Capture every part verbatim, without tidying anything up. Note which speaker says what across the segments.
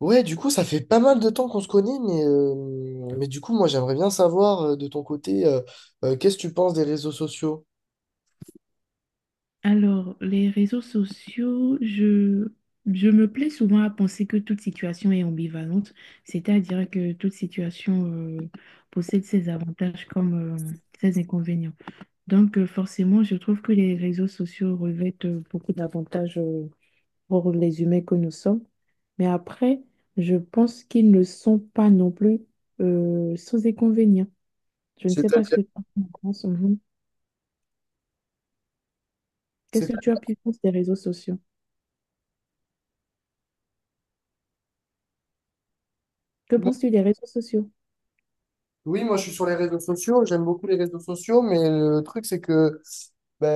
Speaker 1: Ouais, du coup, ça fait pas mal de temps qu'on se connaît, mais, euh, mais du coup, moi, j'aimerais bien savoir euh, de ton côté, euh, euh, qu'est-ce que tu penses des réseaux sociaux?
Speaker 2: Alors, les réseaux sociaux, je, je me plais souvent à penser que toute situation est ambivalente, c'est-à-dire que toute situation euh, possède ses avantages comme euh, ses inconvénients. Donc, euh, forcément, je trouve que les réseaux sociaux revêtent euh, beaucoup d'avantages euh, pour les humains que nous sommes. Mais après, je pense qu'ils ne sont pas non plus euh, sans inconvénients. Je ne sais pas ce
Speaker 1: C'est-à-dire,
Speaker 2: que tu en penses. Mhm. Qu'est-ce que tu as
Speaker 1: c'est-à-dire-
Speaker 2: pu penser des réseaux sociaux? Que penses-tu des réseaux sociaux?
Speaker 1: Oui, moi, je suis sur les réseaux sociaux, j'aime beaucoup les réseaux sociaux, mais le truc, c'est que ben,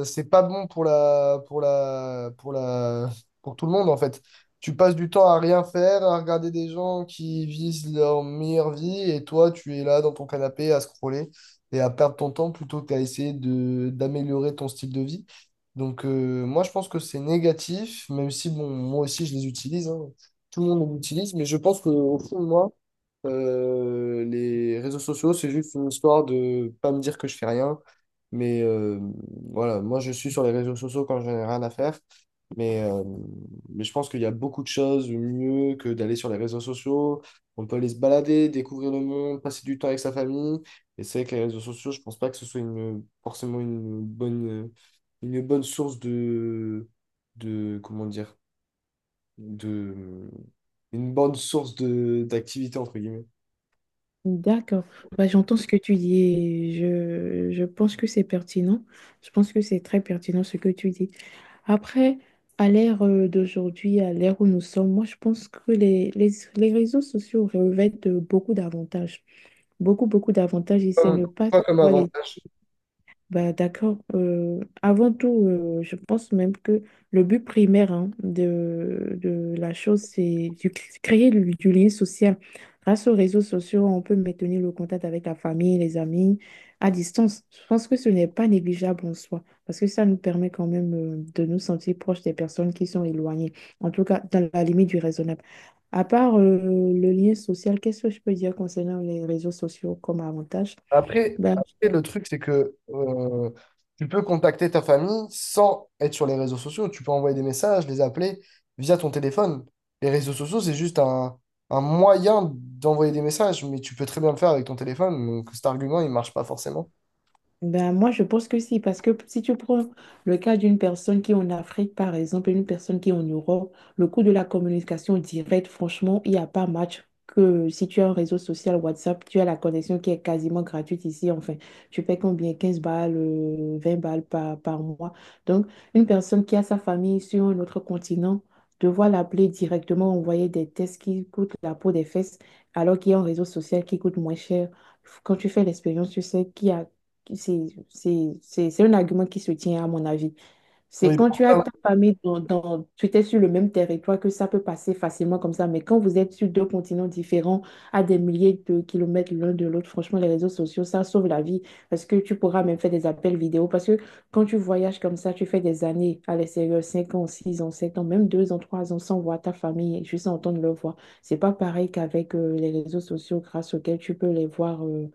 Speaker 1: euh, c'est pas bon pour la, pour la, pour la, pour tout le monde en fait. Tu passes du temps à rien faire, à regarder des gens qui visent leur meilleure vie et toi, tu es là dans ton canapé à scroller et à perdre ton temps plutôt qu'à essayer de, d'améliorer ton style de vie. Donc, euh, moi, je pense que c'est négatif, même si, bon, moi aussi, je les utilise, hein. Tout le monde les utilise, mais je pense qu'au fond de moi, euh, les réseaux sociaux, c'est juste une histoire de pas me dire que je fais rien. Mais euh, voilà, moi je suis sur les réseaux sociaux quand je n'ai rien à faire. Mais, euh, mais je pense qu'il y a beaucoup de choses mieux que d'aller sur les réseaux sociaux. On peut aller se balader, découvrir le monde, passer du temps avec sa famille. Et c'est vrai que les réseaux sociaux, je pense pas que ce soit une, forcément une bonne, une bonne source de, de, comment dire, de, une bonne source de, d'activité, entre guillemets.
Speaker 2: D'accord. Bah, j'entends ce que tu dis et je, je pense que c'est pertinent. Je pense que c'est très pertinent ce que tu dis. Après, à l'ère euh, d'aujourd'hui, à l'ère où nous sommes, moi, je pense que les, les, les réseaux sociaux revêtent euh, beaucoup d'avantages. Beaucoup, beaucoup d'avantages et c'est
Speaker 1: comme,
Speaker 2: ne pas
Speaker 1: quoi comme
Speaker 2: savoir les
Speaker 1: avantage?
Speaker 2: bah, d'accord. Euh, avant tout, euh, je pense même que le but primaire hein, de, de la chose, c'est de créer du, du lien social. Grâce aux réseaux sociaux, on peut maintenir le contact avec la famille, les amis, à distance. Je pense que ce n'est pas négligeable en soi, parce que ça nous permet quand même euh, de nous sentir proches des personnes qui sont éloignées, en tout cas dans la limite du raisonnable. À part euh, le lien social, qu'est-ce que je peux dire concernant les réseaux sociaux comme avantage?
Speaker 1: Après,
Speaker 2: Ben,
Speaker 1: après, le truc, c'est que euh, tu peux contacter ta famille sans être sur les réseaux sociaux. Tu peux envoyer des messages, les appeler via ton téléphone. Les réseaux sociaux, c'est juste un, un moyen d'envoyer des messages, mais tu peux très bien le faire avec ton téléphone. Donc cet argument, il marche pas forcément.
Speaker 2: Ben, moi, je pense que si, parce que si tu prends le cas d'une personne qui est en Afrique, par exemple, et une personne qui est en Europe, le coût de la communication directe, franchement, il n'y a pas match que si tu as un réseau social WhatsApp, tu as la connexion qui est quasiment gratuite ici. Enfin, tu payes combien? Quinze balles, euh, vingt balles par, par mois. Donc, une personne qui a sa famille sur un autre continent, devoir l'appeler directement, envoyer des tests qui coûtent la peau des fesses, alors qu'il y a un réseau social qui coûte moins cher quand tu fais l'expérience, tu sais qu'il y a c'est c'est- c'est- c'est un argument qui se tient à mon avis. C'est
Speaker 1: Oui,
Speaker 2: quand
Speaker 1: pour
Speaker 2: tu as
Speaker 1: ça.
Speaker 2: ta famille dans, dans- tu étais sur le même territoire que ça peut passer facilement comme ça. Mais quand vous êtes sur deux continents différents, à des milliers de kilomètres l'un de l'autre, franchement, les réseaux sociaux, ça sauve la vie. Parce que tu pourras même faire des appels vidéo. Parce que quand tu voyages comme ça, tu fais des années à l'extérieur, cinq ans, six ans, sept ans, même deux ans, trois ans, sans voir ta famille, et juste entendre leur voix. C'est pas pareil qu'avec euh, les réseaux sociaux grâce auxquels tu peux les voir. euh,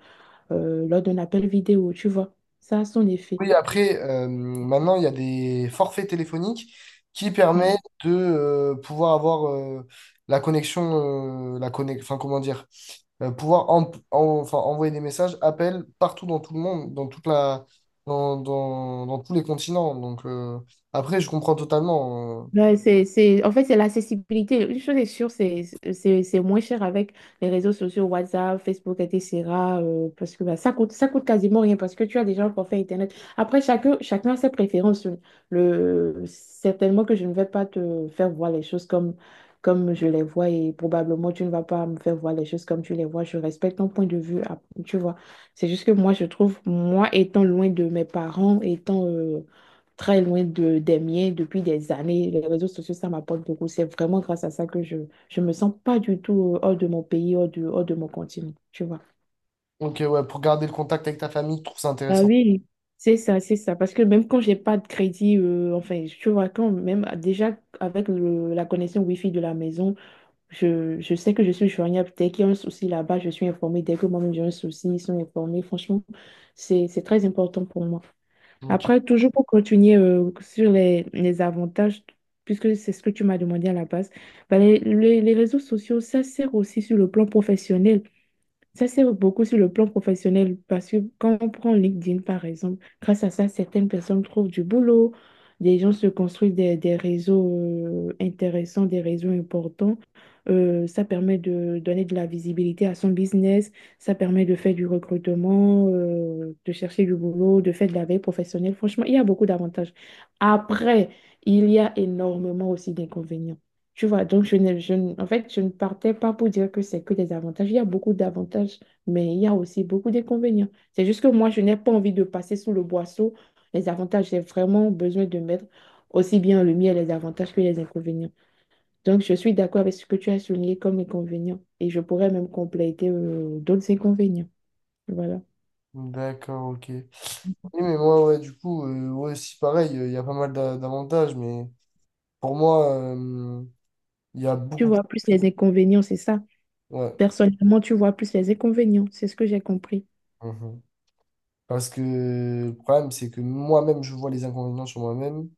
Speaker 2: euh, Lors d'un appel vidéo, tu vois. Ça a son effet.
Speaker 1: Oui, après, euh, maintenant, il y a des forfaits téléphoniques qui permettent
Speaker 2: Mm.
Speaker 1: de euh, pouvoir avoir euh, la connexion, euh, la connexion, enfin, comment dire, euh, pouvoir en- en- enfin, envoyer des messages, appels partout dans tout le monde, dans toute la, dans, dans, dans tous les continents. Donc, euh, après, je comprends totalement. euh.
Speaker 2: Ouais, c'est, c'est, en fait, c'est l'accessibilité. Une chose est sûre, c'est c'est- c'est moins cher avec les réseaux sociaux, WhatsApp, Facebook, et cetera euh, parce que bah, ça coûte, ça coûte quasiment rien parce que tu as déjà un forfait Internet. Après, chacun, chacun a ses préférences. Le, certainement que je ne vais pas te faire voir les choses comme, comme je les vois et probablement tu ne vas pas me faire voir les choses comme tu les vois. Je respecte ton point de vue, ah, tu vois. C'est juste que moi, je trouve, moi étant loin de mes parents, étant... euh, très loin de, des miens depuis des années. Les réseaux sociaux, ça m'apporte beaucoup. C'est vraiment grâce à ça que je je me sens pas du tout euh, hors de mon pays, hors de, hors de mon continent, tu vois.
Speaker 1: Ok, ouais, pour garder le contact avec ta famille, je trouve ça
Speaker 2: Ah
Speaker 1: intéressant.
Speaker 2: oui, c'est ça, c'est ça. Parce que même quand j'ai pas de crédit, euh, enfin, tu vois, quand même déjà avec le- la connexion Wi-Fi de la maison, je, je sais que je suis joignable. Dès qu'il y a un souci là-bas, je suis informée. Dès que moi-même j'ai un souci, ils sont informés. Franchement, c'est, c'est très important pour moi.
Speaker 1: Ok,
Speaker 2: Après, toujours pour continuer euh, sur les, les avantages, puisque c'est ce que tu m'as demandé à la base, ben, les, les- les réseaux sociaux, ça sert aussi sur le plan professionnel. Ça, c'est beaucoup sur le plan professionnel parce que quand on prend LinkedIn, par exemple, grâce à ça, certaines personnes trouvent du boulot, des gens se construisent des, des réseaux euh, intéressants, des réseaux importants. Euh, ça permet de donner de la visibilité à son business, ça permet de faire du recrutement, euh, de chercher du boulot, de faire de la veille professionnelle. Franchement, il y a beaucoup d'avantages. Après, il y a énormément aussi d'inconvénients. Tu vois, donc je ne, je ne- en fait, je ne partais pas pour dire que c'est que des avantages. Il y a beaucoup d'avantages, mais il y a aussi beaucoup d'inconvénients. C'est juste que moi, je n'ai pas envie de passer sous le boisseau. Les avantages, j'ai vraiment besoin de mettre aussi bien en lumière les avantages que les inconvénients. Donc, je suis d'accord avec ce que tu as souligné comme inconvénients et je pourrais même compléter euh, d'autres inconvénients. Voilà.
Speaker 1: d'accord, ok. Oui, mais moi, ouais, du coup, euh, ouais, si pareil, il y a pas mal d'a- d'avantages, mais. Pour moi, euh, il y a
Speaker 2: Tu
Speaker 1: beaucoup plus-.
Speaker 2: vois plus les inconvénients, c'est ça.
Speaker 1: Ouais.
Speaker 2: Personnellement, tu vois plus les inconvénients, c'est ce que j'ai compris.
Speaker 1: Mhm. Parce que le problème, c'est que moi-même, je vois les inconvénients sur moi-même.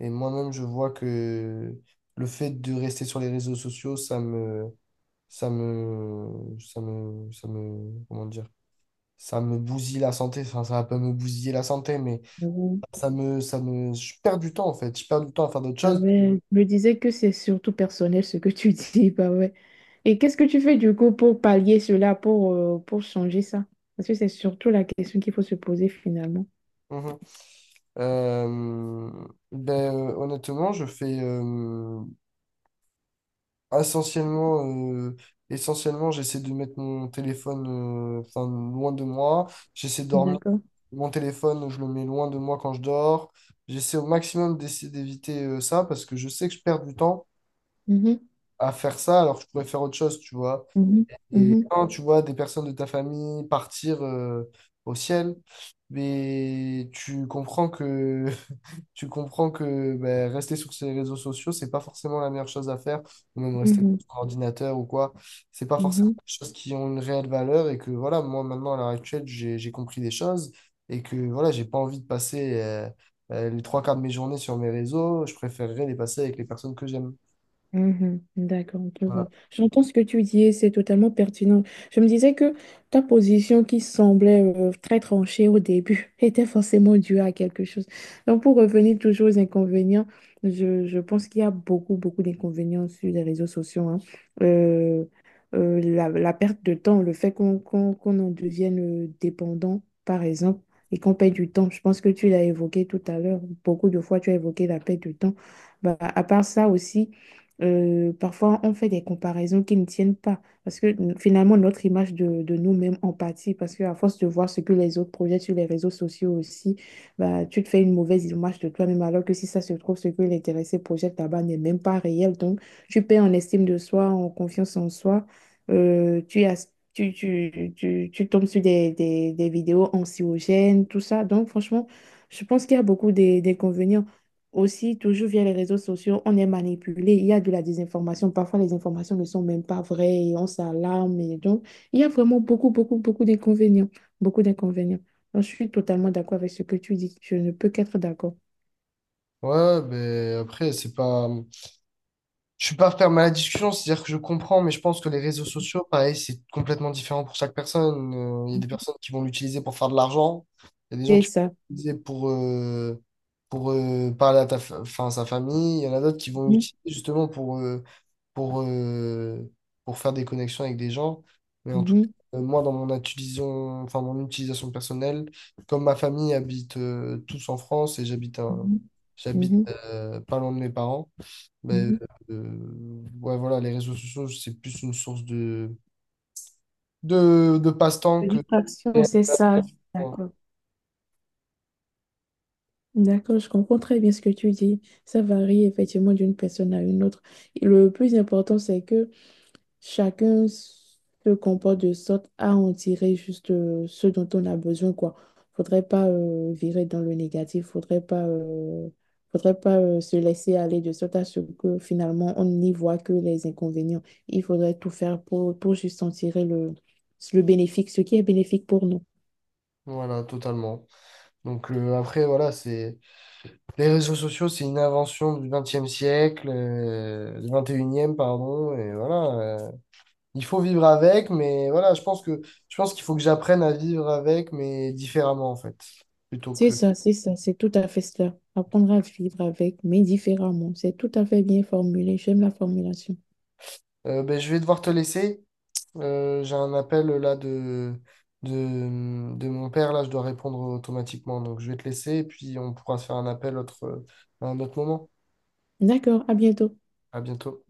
Speaker 1: Et moi-même, je vois que le fait de rester sur les réseaux sociaux, ça me. Ça me. Ça me. Ça me. Comment dire? Ça me bousille la santé. Enfin, ça va pas me bousiller la santé, mais ça me. Ça me. Je perds du temps, en fait. Je perds du temps à faire d'autres
Speaker 2: Ah
Speaker 1: choses.
Speaker 2: ouais, je me disais que c'est surtout personnel ce que tu dis, bah ouais. Et qu'est-ce que tu fais du coup pour pallier cela, pour, euh, pour changer ça? Parce que c'est surtout la question qu'il faut se poser finalement.
Speaker 1: Mhm. Euh, ben, euh, honnêtement, je fais. euh, Essentiellement, euh, essentiellement, j'essaie de mettre mon téléphone euh, enfin, loin de moi. J'essaie de dormir.
Speaker 2: D'accord.
Speaker 1: Mon téléphone, je le mets loin de moi quand je dors. J'essaie au maximum d'essayer d'éviter euh, ça parce que je sais que je perds du temps
Speaker 2: Mhm,
Speaker 1: à faire ça alors que je pourrais faire autre chose, tu vois.
Speaker 2: mhm,
Speaker 1: Et
Speaker 2: mhm,
Speaker 1: quand tu vois des personnes de ta famille partir euh, au ciel, mais tu comprends que tu comprends que ben, rester sur ces réseaux sociaux, c'est pas forcément la meilleure chose à faire, ou même rester
Speaker 2: mhm,
Speaker 1: sur son ordinateur ou quoi. C'est pas forcément
Speaker 2: mhm.
Speaker 1: des choses qui ont une réelle valeur et que voilà, moi maintenant à l'heure actuelle, j'ai, j'ai compris des choses et que voilà, j'ai pas envie de passer euh, euh, les trois quarts de mes journées sur mes réseaux. Je préférerais les passer avec les personnes que j'aime.
Speaker 2: Mhm, d'accord, je
Speaker 1: Voilà.
Speaker 2: vois. J'entends ce que tu dis et c'est totalement pertinent. Je me disais que ta position qui semblait euh, très tranchée au début était forcément due à quelque chose. Donc, pour revenir toujours aux inconvénients, je, je pense qu'il y a beaucoup, beaucoup d'inconvénients sur les réseaux sociaux, hein. Euh, euh, la, la perte de temps, le fait qu'on qu'on, qu'on en devienne euh, dépendant, par exemple, et qu'on perd du temps. Je pense que tu l'as évoqué tout à l'heure. Beaucoup de fois, tu as évoqué la perte de temps. Bah, à part ça aussi, euh, parfois, on fait des comparaisons qui ne tiennent pas, parce que n- finalement, notre image de, de nous-mêmes en pâtit, parce qu'à force de voir ce que les autres projettent sur les réseaux sociaux aussi, bah, tu te fais une mauvaise image de toi-même, alors que si ça se trouve, ce que l'intéressé projette là-bas n'est même pas réel. Donc, tu perds en estime de soi, en confiance en soi. Euh, tu, as, tu, tu, tu, tu tombes sur des, des, des vidéos anxiogènes, tout ça. Donc, franchement, je pense qu'il y a beaucoup des- des inconvénients aussi, toujours via les réseaux sociaux, on est manipulé. Il y a de la désinformation. Parfois, les informations ne sont même pas vraies et on s'alarme. Et donc, il y a vraiment beaucoup, beaucoup, beaucoup d'inconvénients. Beaucoup d'inconvénients. Donc, je suis totalement d'accord avec ce que tu dis. Je ne peux qu'être d'accord.
Speaker 1: Ouais, ben après, c'est pas. Je suis pas fermé à la discussion, c'est-à-dire que je comprends, mais je pense que les réseaux sociaux, pareil, c'est complètement différent pour chaque personne. Euh, Il y a des personnes qui vont l'utiliser pour faire de l'argent, il y a des gens
Speaker 2: C'est
Speaker 1: qui vont
Speaker 2: ça.
Speaker 1: l'utiliser pour, euh, pour euh, parler à ta fa- enfin, à sa famille, il y en a d'autres qui vont
Speaker 2: Mhm,
Speaker 1: l'utiliser justement pour, euh, pour, euh, pour faire des connexions avec des gens. Mais en tout
Speaker 2: mhm,
Speaker 1: cas, euh, moi, dans mon utilisation, enfin, mon utilisation personnelle, comme ma famille habite euh, tous en France et j'habite un-
Speaker 2: mhm,
Speaker 1: j'habite
Speaker 2: mhm,
Speaker 1: euh, pas loin de mes parents. Ben,
Speaker 2: mhm.
Speaker 1: euh, euh, ouais, voilà, les réseaux sociaux, c'est plus une source de, de, de passe-temps
Speaker 2: La
Speaker 1: que...
Speaker 2: distraction, c'est ça. D'accord. D'accord, je comprends très bien ce que tu dis. Ça varie effectivement d'une personne à une autre. Et le plus important, c'est que chacun se comporte de sorte à en tirer juste euh, ce dont on a besoin, quoi. Faudrait pas euh, virer dans le négatif, faudrait pas, euh, faudrait pas euh, se laisser aller de sorte à ce que finalement on n'y voit que les inconvénients. Il faudrait tout faire pour, pour juste en tirer le, le bénéfique, ce qui est bénéfique pour nous.
Speaker 1: Voilà, totalement. Donc euh, après, voilà, c'est... Les réseaux sociaux, c'est une invention du vingtième siècle, euh, du vingt et unième, pardon, et voilà. euh, il faut vivre avec, mais voilà, je pense que je pense qu'il faut que j'apprenne à vivre avec, mais différemment, en fait. Plutôt
Speaker 2: C'est
Speaker 1: que...
Speaker 2: ça, c'est ça, c'est tout à fait cela. Apprendre à vivre avec, mais différemment. C'est tout à fait bien formulé. J'aime la formulation.
Speaker 1: Euh, ben, je vais devoir te laisser. Euh, j'ai un appel là de, de, de mon père, là je dois répondre automatiquement. Donc je vais te laisser et puis on pourra se faire un appel autre, euh, à un autre moment.
Speaker 2: D'accord, à bientôt.
Speaker 1: À bientôt.